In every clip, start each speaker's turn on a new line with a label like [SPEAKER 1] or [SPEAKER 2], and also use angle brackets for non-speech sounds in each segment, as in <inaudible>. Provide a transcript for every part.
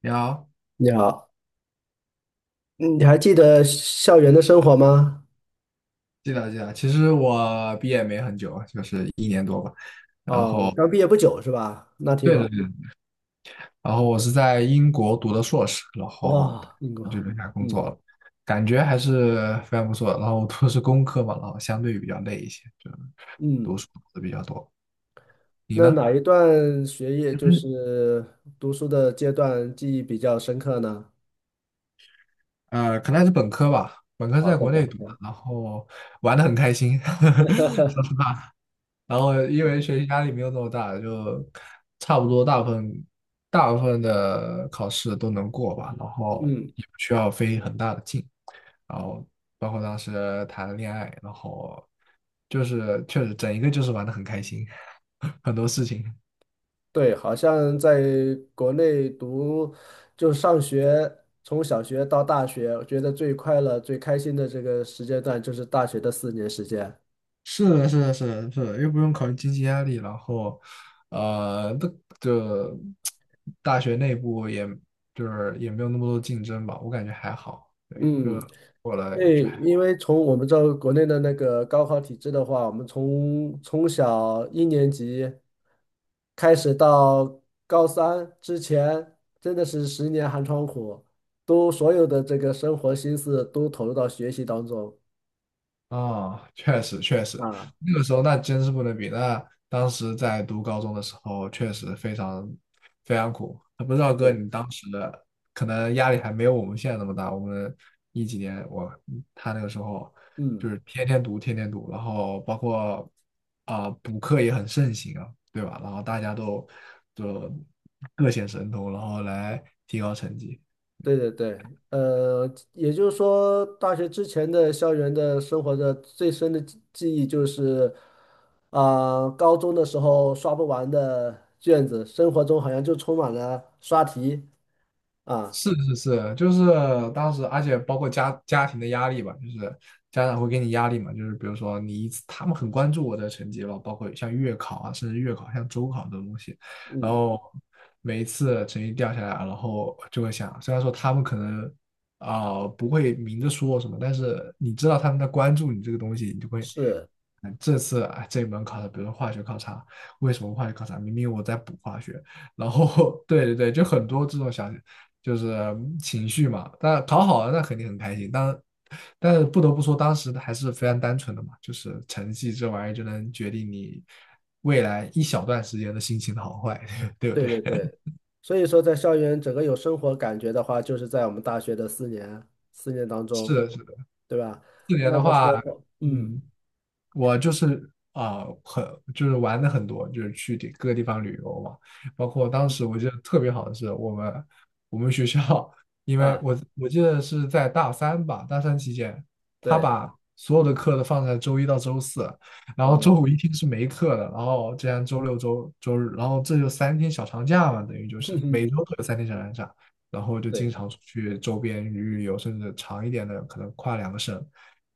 [SPEAKER 1] 你好，
[SPEAKER 2] 你好，你还记得校园的生活吗？
[SPEAKER 1] 记得记得。其实我毕业没很久，就是一年多吧。
[SPEAKER 2] 哦，刚毕业不久是吧？那挺
[SPEAKER 1] 对对
[SPEAKER 2] 好。
[SPEAKER 1] 对。然后我是在英国读的硕士，然后
[SPEAKER 2] 哇，英
[SPEAKER 1] 就
[SPEAKER 2] 国，
[SPEAKER 1] 留下来工作
[SPEAKER 2] 嗯
[SPEAKER 1] 了，感觉还是非常不错的。然后我读的是工科嘛，然后相对比较累一些，就读
[SPEAKER 2] 嗯，
[SPEAKER 1] 书读的比较多。你
[SPEAKER 2] 那
[SPEAKER 1] 呢？
[SPEAKER 2] 哪一段学业就
[SPEAKER 1] 嗯，
[SPEAKER 2] 是读书的阶段记忆比较深刻呢？
[SPEAKER 1] 可能还是本科吧，本科是
[SPEAKER 2] 啊，
[SPEAKER 1] 在
[SPEAKER 2] 在
[SPEAKER 1] 国
[SPEAKER 2] 本
[SPEAKER 1] 内读的。
[SPEAKER 2] 科，
[SPEAKER 1] 然后玩的很开心，<laughs> 说实话，然后因为学习压力没有那么大，就差不多大部分的考试都能过吧，然后
[SPEAKER 2] 嗯，
[SPEAKER 1] 也不需要费很大的劲，然后包括当时谈了恋爱，然后就是确实整一个就是玩的很开心，<laughs> 很多事情。
[SPEAKER 2] 对，好像在国内读就上学，从小学到大学，我觉得最快乐、最开心的这个时间段就是大学的四年时间。
[SPEAKER 1] 是的，是的，是的，是的，又不用考虑经济压力，然后，呃，那就大学内部也就是也没有那么多竞争吧，我感觉还好，对，
[SPEAKER 2] 嗯。
[SPEAKER 1] 就过了就
[SPEAKER 2] 对，
[SPEAKER 1] 还。
[SPEAKER 2] 因为从我们这国内的那个高考体制的话，我们从小一年级开始到高三之前，真的是十年寒窗苦，都所有的这个生活心思都投入到学习当中
[SPEAKER 1] 哦，确实确实，
[SPEAKER 2] 啊。
[SPEAKER 1] 那个时候那真是不能比。那当时在读高中的时候，确实非常苦。不知道哥，
[SPEAKER 2] 对，
[SPEAKER 1] 你当时的可能压力还没有我们现在那么大。我们一几年，他那个时候
[SPEAKER 2] 嗯。
[SPEAKER 1] 就是天天读，天天读，然后包括补课也很盛行啊，对吧？然后大家都就各显神通，然后来提高成绩。
[SPEAKER 2] 对对对，也就是说，大学之前的校园的生活的最深的记忆就是，啊、高中的时候刷不完的卷子，生活中好像就充满了刷题啊，
[SPEAKER 1] 是是是，就是当时，而且包括家庭的压力吧，就是家长会给你压力嘛，就是比如说你一次，他们很关注我的成绩吧，包括像月考啊，甚至月考、像周考这种东西，然
[SPEAKER 2] 嗯，
[SPEAKER 1] 后每一次成绩掉下来，然后就会想，虽然说他们可能不会明着说什么，但是你知道他们在关注你这个东西，你就会，
[SPEAKER 2] 是，
[SPEAKER 1] 嗯，这次啊这一门考的，比如说化学考察，为什么化学考察？明明我在补化学，然后 <laughs> 对对对，就很多这种小就是嗯情绪嘛。但考好了，那肯定很开心。但是不得不说，当时还是非常单纯的嘛，就是成绩这玩意儿就能决定你未来一小段时间的心情的好坏，<laughs> 对不
[SPEAKER 2] 对
[SPEAKER 1] 对？
[SPEAKER 2] 对对，所以说在校园整个有生活感觉的话，就是在我们大学的四年当
[SPEAKER 1] 是
[SPEAKER 2] 中，
[SPEAKER 1] 的，是的。
[SPEAKER 2] 对吧？
[SPEAKER 1] 四年
[SPEAKER 2] 那
[SPEAKER 1] 的
[SPEAKER 2] 个时
[SPEAKER 1] 话，
[SPEAKER 2] 候，嗯
[SPEAKER 1] 嗯，我就是就是玩的很多，就是去各个地方旅游嘛。包括当时我记得特别好的是，我们学校，因为
[SPEAKER 2] 啊，
[SPEAKER 1] 我记得是在大三吧，大三期间，他
[SPEAKER 2] 对，
[SPEAKER 1] 把所有的课都放在周一到周四，然后周
[SPEAKER 2] 哦，
[SPEAKER 1] 五一天是没课的，然后这样周六周日，然后这就三天小长假嘛，等于就是
[SPEAKER 2] <laughs>
[SPEAKER 1] 每周都有三天小长假，然后就经
[SPEAKER 2] 对，
[SPEAKER 1] 常出去周边旅游，甚至长一点的可能跨两个省，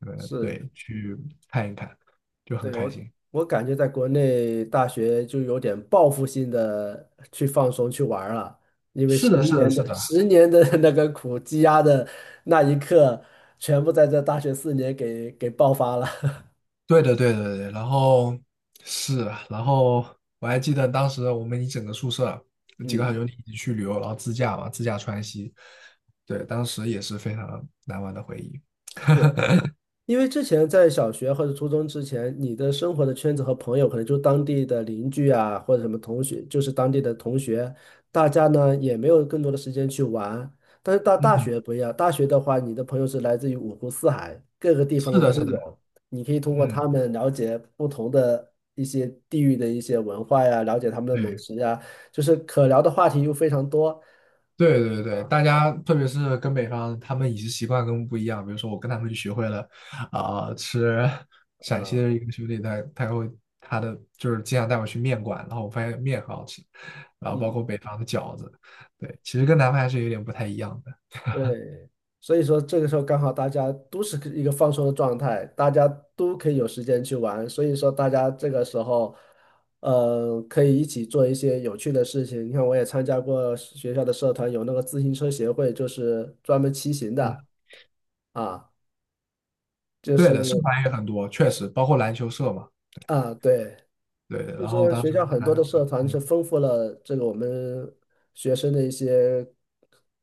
[SPEAKER 1] 可能
[SPEAKER 2] 是。
[SPEAKER 1] 对去看一看。就很
[SPEAKER 2] 对，
[SPEAKER 1] 开
[SPEAKER 2] 我
[SPEAKER 1] 心。
[SPEAKER 2] 我感觉在国内大学就有点报复性的去放松去玩儿了，
[SPEAKER 1] 是
[SPEAKER 2] 十
[SPEAKER 1] 的，是的，
[SPEAKER 2] 年
[SPEAKER 1] 是
[SPEAKER 2] 的
[SPEAKER 1] 的，
[SPEAKER 2] 十年的 <laughs> 那个苦积压的那一刻，全部在这大学四年给爆发了。<laughs>
[SPEAKER 1] 对的，对的，对的。然后是啊，然后我还记得当时我们一整个宿舍几个好
[SPEAKER 2] 嗯，
[SPEAKER 1] 兄弟一起去旅游，然后自驾嘛，自驾川西。对，当时也是非常难忘的回忆。
[SPEAKER 2] 是。因为之前在小学或者初中之前，你的生活的圈子和朋友可能就当地的邻居啊，或者什么同学，就是当地的同学，大家呢也没有更多的时间去玩。但是到大
[SPEAKER 1] 嗯，
[SPEAKER 2] 学不一样，大学的话，你的朋友是来自于五湖四海，各个地方
[SPEAKER 1] 是
[SPEAKER 2] 的
[SPEAKER 1] 的，是
[SPEAKER 2] 都
[SPEAKER 1] 的，
[SPEAKER 2] 有，你可以通过他
[SPEAKER 1] 嗯，
[SPEAKER 2] 们了解不同的一些地域的一些文化呀，了解他们的美
[SPEAKER 1] 对。
[SPEAKER 2] 食呀，就是可聊的话题又非常多
[SPEAKER 1] 对对对，大家特别是跟北方，他们饮食习惯跟我们不一样。比如说，我跟他们就学会了吃陕西
[SPEAKER 2] 啊，
[SPEAKER 1] 的一个兄弟，他就是经常带我去面馆，然后我发现面很好吃，然后包括
[SPEAKER 2] 嗯。
[SPEAKER 1] 北方的饺子，对，其实跟南方还是有点不太一样的。
[SPEAKER 2] 对，所以说这个时候刚好大家都是一个放松的状态，大家都可以有时间去玩，所以说大家这个时候，可以一起做一些有趣的事情。你看，我也参加过学校的社团，有那个自行车协会，就是专门骑行的
[SPEAKER 1] 嗯，
[SPEAKER 2] 啊，就
[SPEAKER 1] 对
[SPEAKER 2] 是
[SPEAKER 1] 的，社团也很多，确实包括篮球社嘛，
[SPEAKER 2] 啊，对，
[SPEAKER 1] 对。
[SPEAKER 2] 所以
[SPEAKER 1] 然后
[SPEAKER 2] 说
[SPEAKER 1] 当
[SPEAKER 2] 学
[SPEAKER 1] 时
[SPEAKER 2] 校很多的社团是
[SPEAKER 1] 嗯
[SPEAKER 2] 丰富了这个我们学生的一些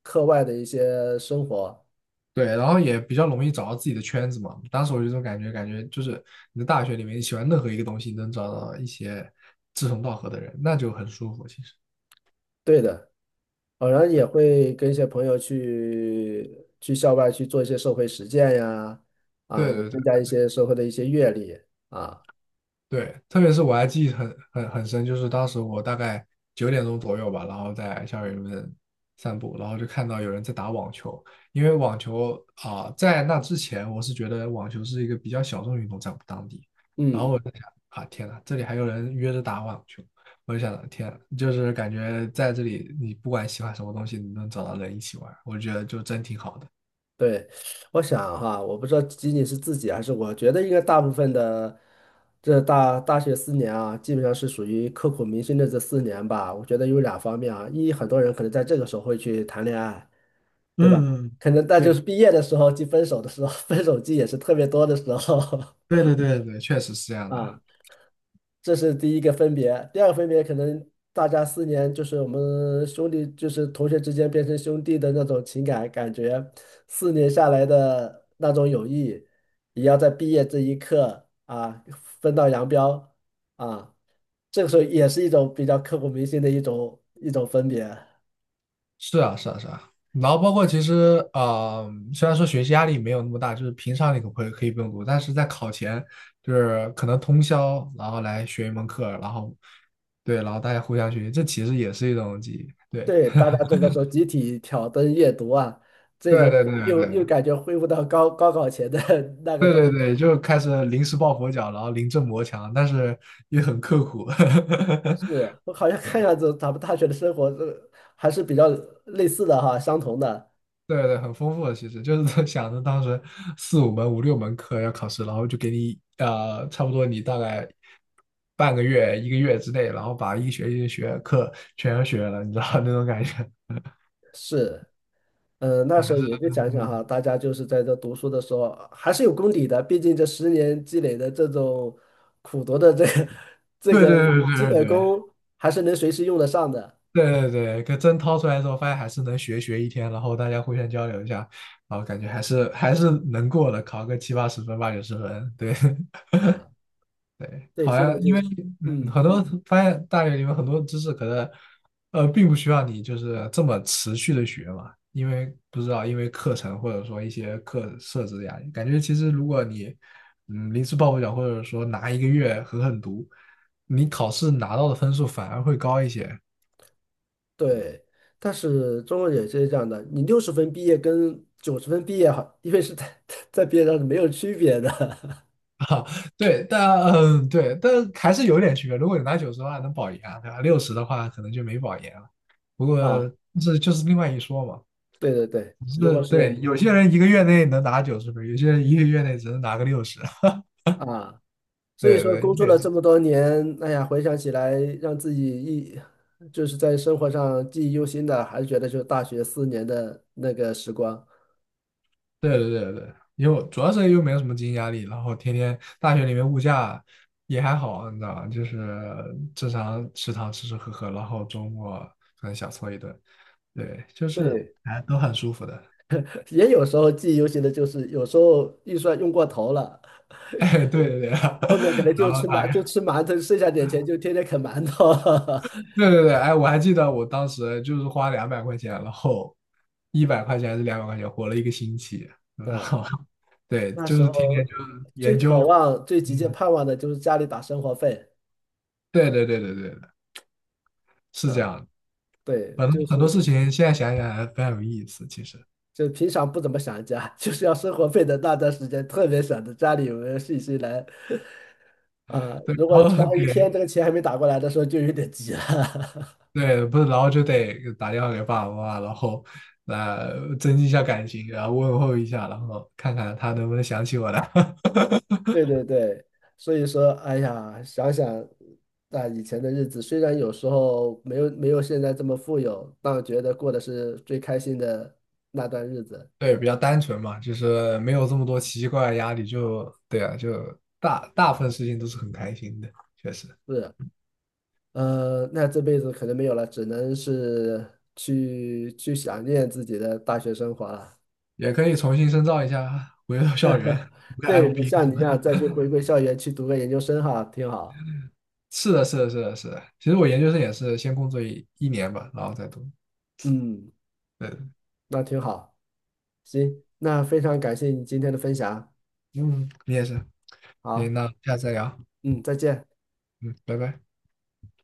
[SPEAKER 2] 课外的一些生活。
[SPEAKER 1] 对，然后也比较容易找到自己的圈子嘛。当时我有一种感觉，感觉就是你在大学里面，你喜欢任何一个东西，能找到一些志同道合的人，那就很舒服。其实，
[SPEAKER 2] 对的。偶然后也会跟一些朋友去校外去做一些社会实践呀，啊，
[SPEAKER 1] 对
[SPEAKER 2] 也
[SPEAKER 1] 对对。
[SPEAKER 2] 增加一些社会的一些阅历啊。
[SPEAKER 1] 对，特别是我还记忆很深，就是当时我大概九点钟左右吧，然后在校园里面散步，然后就看到有人在打网球。因为网球在那之前我是觉得网球是一个比较小众运动，在我们当地。然后
[SPEAKER 2] 嗯，
[SPEAKER 1] 我在想啊，天呐，这里还有人约着打网球，我就想，天呐，就是感觉在这里，你不管喜欢什么东西，你能找到人一起玩，我觉得就真挺好的。
[SPEAKER 2] 对，我想哈，我不知道仅仅是自己还是我觉得应该大部分的这大学四年啊，基本上是属于刻骨铭心的这四年吧。我觉得有两方面啊，一很多人可能在这个时候会去谈恋爱，对吧？
[SPEAKER 1] 嗯，嗯
[SPEAKER 2] 可能那就
[SPEAKER 1] 对，
[SPEAKER 2] 是毕业的时候，即分手的时候，<laughs> 分手季也是特别多的时候
[SPEAKER 1] 对对对，对，确实是这样
[SPEAKER 2] <laughs>
[SPEAKER 1] 的。
[SPEAKER 2] 啊。这是第一个分别。第二个分别可能大家四年就是我们兄弟，就是同学之间变成兄弟的那种情感感觉，四年下来的那种友谊，也要在毕业这一刻啊分道扬镳啊。这个时候也是一种比较刻骨铭心的一种分别。
[SPEAKER 1] 是啊，是啊，是啊。然后包括其实虽然说学习压力没有那么大，就是平常你可以不用读，但是在考前就是可能通宵，然后来学一门课，然后对，然后大家互相学习，这其实也是一种记忆。对，
[SPEAKER 2] 对，大家这个时候集体挑灯夜读啊，这
[SPEAKER 1] 对，
[SPEAKER 2] 种
[SPEAKER 1] 对，对，
[SPEAKER 2] 又
[SPEAKER 1] 对，
[SPEAKER 2] 感觉恢复到高考前的 <laughs> 那个
[SPEAKER 1] 对，
[SPEAKER 2] 状。
[SPEAKER 1] 对，对，对，就开始临时抱佛脚，然后临阵磨枪，但是也很刻苦。
[SPEAKER 2] 是我 <laughs> 好像
[SPEAKER 1] <laughs>
[SPEAKER 2] 看
[SPEAKER 1] 对。
[SPEAKER 2] 样子，咱们大学的生活这还是比较类似的哈，相同的。
[SPEAKER 1] 对对，很丰富的，其实就是想着当时四五门、五六门课要考试，然后就给你差不多你大概半个月、一个月之内，然后把一学期的学课全学了，你知道 <laughs> 那种感觉。
[SPEAKER 2] 是，嗯，那时候也就想想哈，
[SPEAKER 1] 嗯，
[SPEAKER 2] 大家就是在这读书的时候还是有功底的，毕竟这十年积累的这种苦读的这个 <laughs> 这
[SPEAKER 1] 对
[SPEAKER 2] 个
[SPEAKER 1] 对
[SPEAKER 2] 基
[SPEAKER 1] 对对
[SPEAKER 2] 本
[SPEAKER 1] 对
[SPEAKER 2] 功，还是能随时用得上的。
[SPEAKER 1] 对对对对，可真掏出来之后，发现还是能学一天，然后大家互相交流一下，然后感觉还是能过的，考个七八十分、八九十分，对。<laughs>
[SPEAKER 2] 啊，对，
[SPEAKER 1] 好
[SPEAKER 2] 现在
[SPEAKER 1] 像
[SPEAKER 2] 就
[SPEAKER 1] 因为
[SPEAKER 2] 是，
[SPEAKER 1] 嗯，
[SPEAKER 2] 嗯，
[SPEAKER 1] 很多发现大学里面很多知识可能并不需要你就是这么持续的学嘛，因为不知道因为课程或者说一些课设置的压力，感觉其实如果你嗯临时抱佛脚或者说拿一个月狠狠读，你考试拿到的分数反而会高一些。
[SPEAKER 2] 对。但是中国也是这样的，你60分毕业跟90分毕业，好，因为是在 <laughs> 在毕业上是没有区别的
[SPEAKER 1] <laughs> 啊。对，但嗯对，但还是有点区别。如果你拿九十的话能保研啊，对吧？六十的话可能就没保研了。不过
[SPEAKER 2] <laughs> 啊。
[SPEAKER 1] 这就是另外一说嘛。
[SPEAKER 2] 对对对，如
[SPEAKER 1] 是
[SPEAKER 2] 果是有
[SPEAKER 1] 对，有些人一个月内能拿九十分，有些人一个月内只能拿个六十。<laughs>
[SPEAKER 2] 啊，所以
[SPEAKER 1] 对
[SPEAKER 2] 说
[SPEAKER 1] 对，
[SPEAKER 2] 工
[SPEAKER 1] 这
[SPEAKER 2] 作
[SPEAKER 1] 也
[SPEAKER 2] 了
[SPEAKER 1] 是
[SPEAKER 2] 这么多年，哎呀，回想起来，让自己一就是在生活上记忆犹新的，还是觉得就是大学四年的那个时光。
[SPEAKER 1] 对对对对，因为主要是又没有什么经济压力，然后天天大学里面物价也还好，你知道吧？就是正常食堂吃吃喝喝，然后周末可能小搓一顿，对，就是
[SPEAKER 2] 对
[SPEAKER 1] 哎都很舒服的。<laughs>
[SPEAKER 2] <laughs>，也有时候记忆犹新的，就是有时候预算用过头了，
[SPEAKER 1] 哎，对对对，
[SPEAKER 2] 后面可能
[SPEAKER 1] <laughs> 然
[SPEAKER 2] 就
[SPEAKER 1] 后打
[SPEAKER 2] 吃馒头，剩下点钱就天天啃馒头。<laughs>
[SPEAKER 1] 对对对，哎，我还记得我当时就是花两百块钱，然后100块钱还是两百块钱，活了一个星期，然
[SPEAKER 2] 嗯，
[SPEAKER 1] 后 <laughs> 对，
[SPEAKER 2] 那
[SPEAKER 1] 就
[SPEAKER 2] 时
[SPEAKER 1] 是天
[SPEAKER 2] 候
[SPEAKER 1] 天就是
[SPEAKER 2] 最
[SPEAKER 1] 研
[SPEAKER 2] 渴
[SPEAKER 1] 究，
[SPEAKER 2] 望、最急切
[SPEAKER 1] 嗯，
[SPEAKER 2] 盼望的就是家里打生活费。
[SPEAKER 1] 对对对对对的，是这
[SPEAKER 2] 嗯，
[SPEAKER 1] 样的，
[SPEAKER 2] 对，
[SPEAKER 1] 很
[SPEAKER 2] 就
[SPEAKER 1] 多很
[SPEAKER 2] 是。
[SPEAKER 1] 多事情现在想想还非常有意思，其实
[SPEAKER 2] 就平常不怎么想家，<laughs> 就是要生活费的那段时间，特别想着家里有没有信息来啊、
[SPEAKER 1] 对，
[SPEAKER 2] 如果
[SPEAKER 1] 然
[SPEAKER 2] 超
[SPEAKER 1] 后
[SPEAKER 2] 过
[SPEAKER 1] 给
[SPEAKER 2] 一天，这个钱还没打过来的时候，就有点急了。<laughs>
[SPEAKER 1] 对不是，然后就得打电话给爸爸妈妈，然后来增进一下感情，然后问候一下，然后看看他能不能想起我来。<laughs>
[SPEAKER 2] 对对对，所以说，哎呀，想想那以前的日子，虽然有时候没有现在这么富有，但觉得过的是最开心的那段日子。
[SPEAKER 1] 对，比较单纯嘛，就是没有这么多奇奇怪怪的压力，就对啊，就大部分事情都是很开心的，确实
[SPEAKER 2] 是，那这辈子可能没有了，只能是去想念自己的大学生活了。
[SPEAKER 1] 也可以重新深造一下，回到校园，读个
[SPEAKER 2] 对，
[SPEAKER 1] MBA。
[SPEAKER 2] 像你一
[SPEAKER 1] <laughs>
[SPEAKER 2] 样再去回归校园去读个研究生哈，挺好。
[SPEAKER 1] 是的，是的，是的，是的。其实我研究生也是先工作一年吧，然后再读。
[SPEAKER 2] 嗯，
[SPEAKER 1] 对，
[SPEAKER 2] 那挺好。行，那非常感谢你今天的分享。
[SPEAKER 1] 嗯，你也是。
[SPEAKER 2] 好，
[SPEAKER 1] 行，那下次再聊。
[SPEAKER 2] 嗯，再见。
[SPEAKER 1] 嗯，拜拜。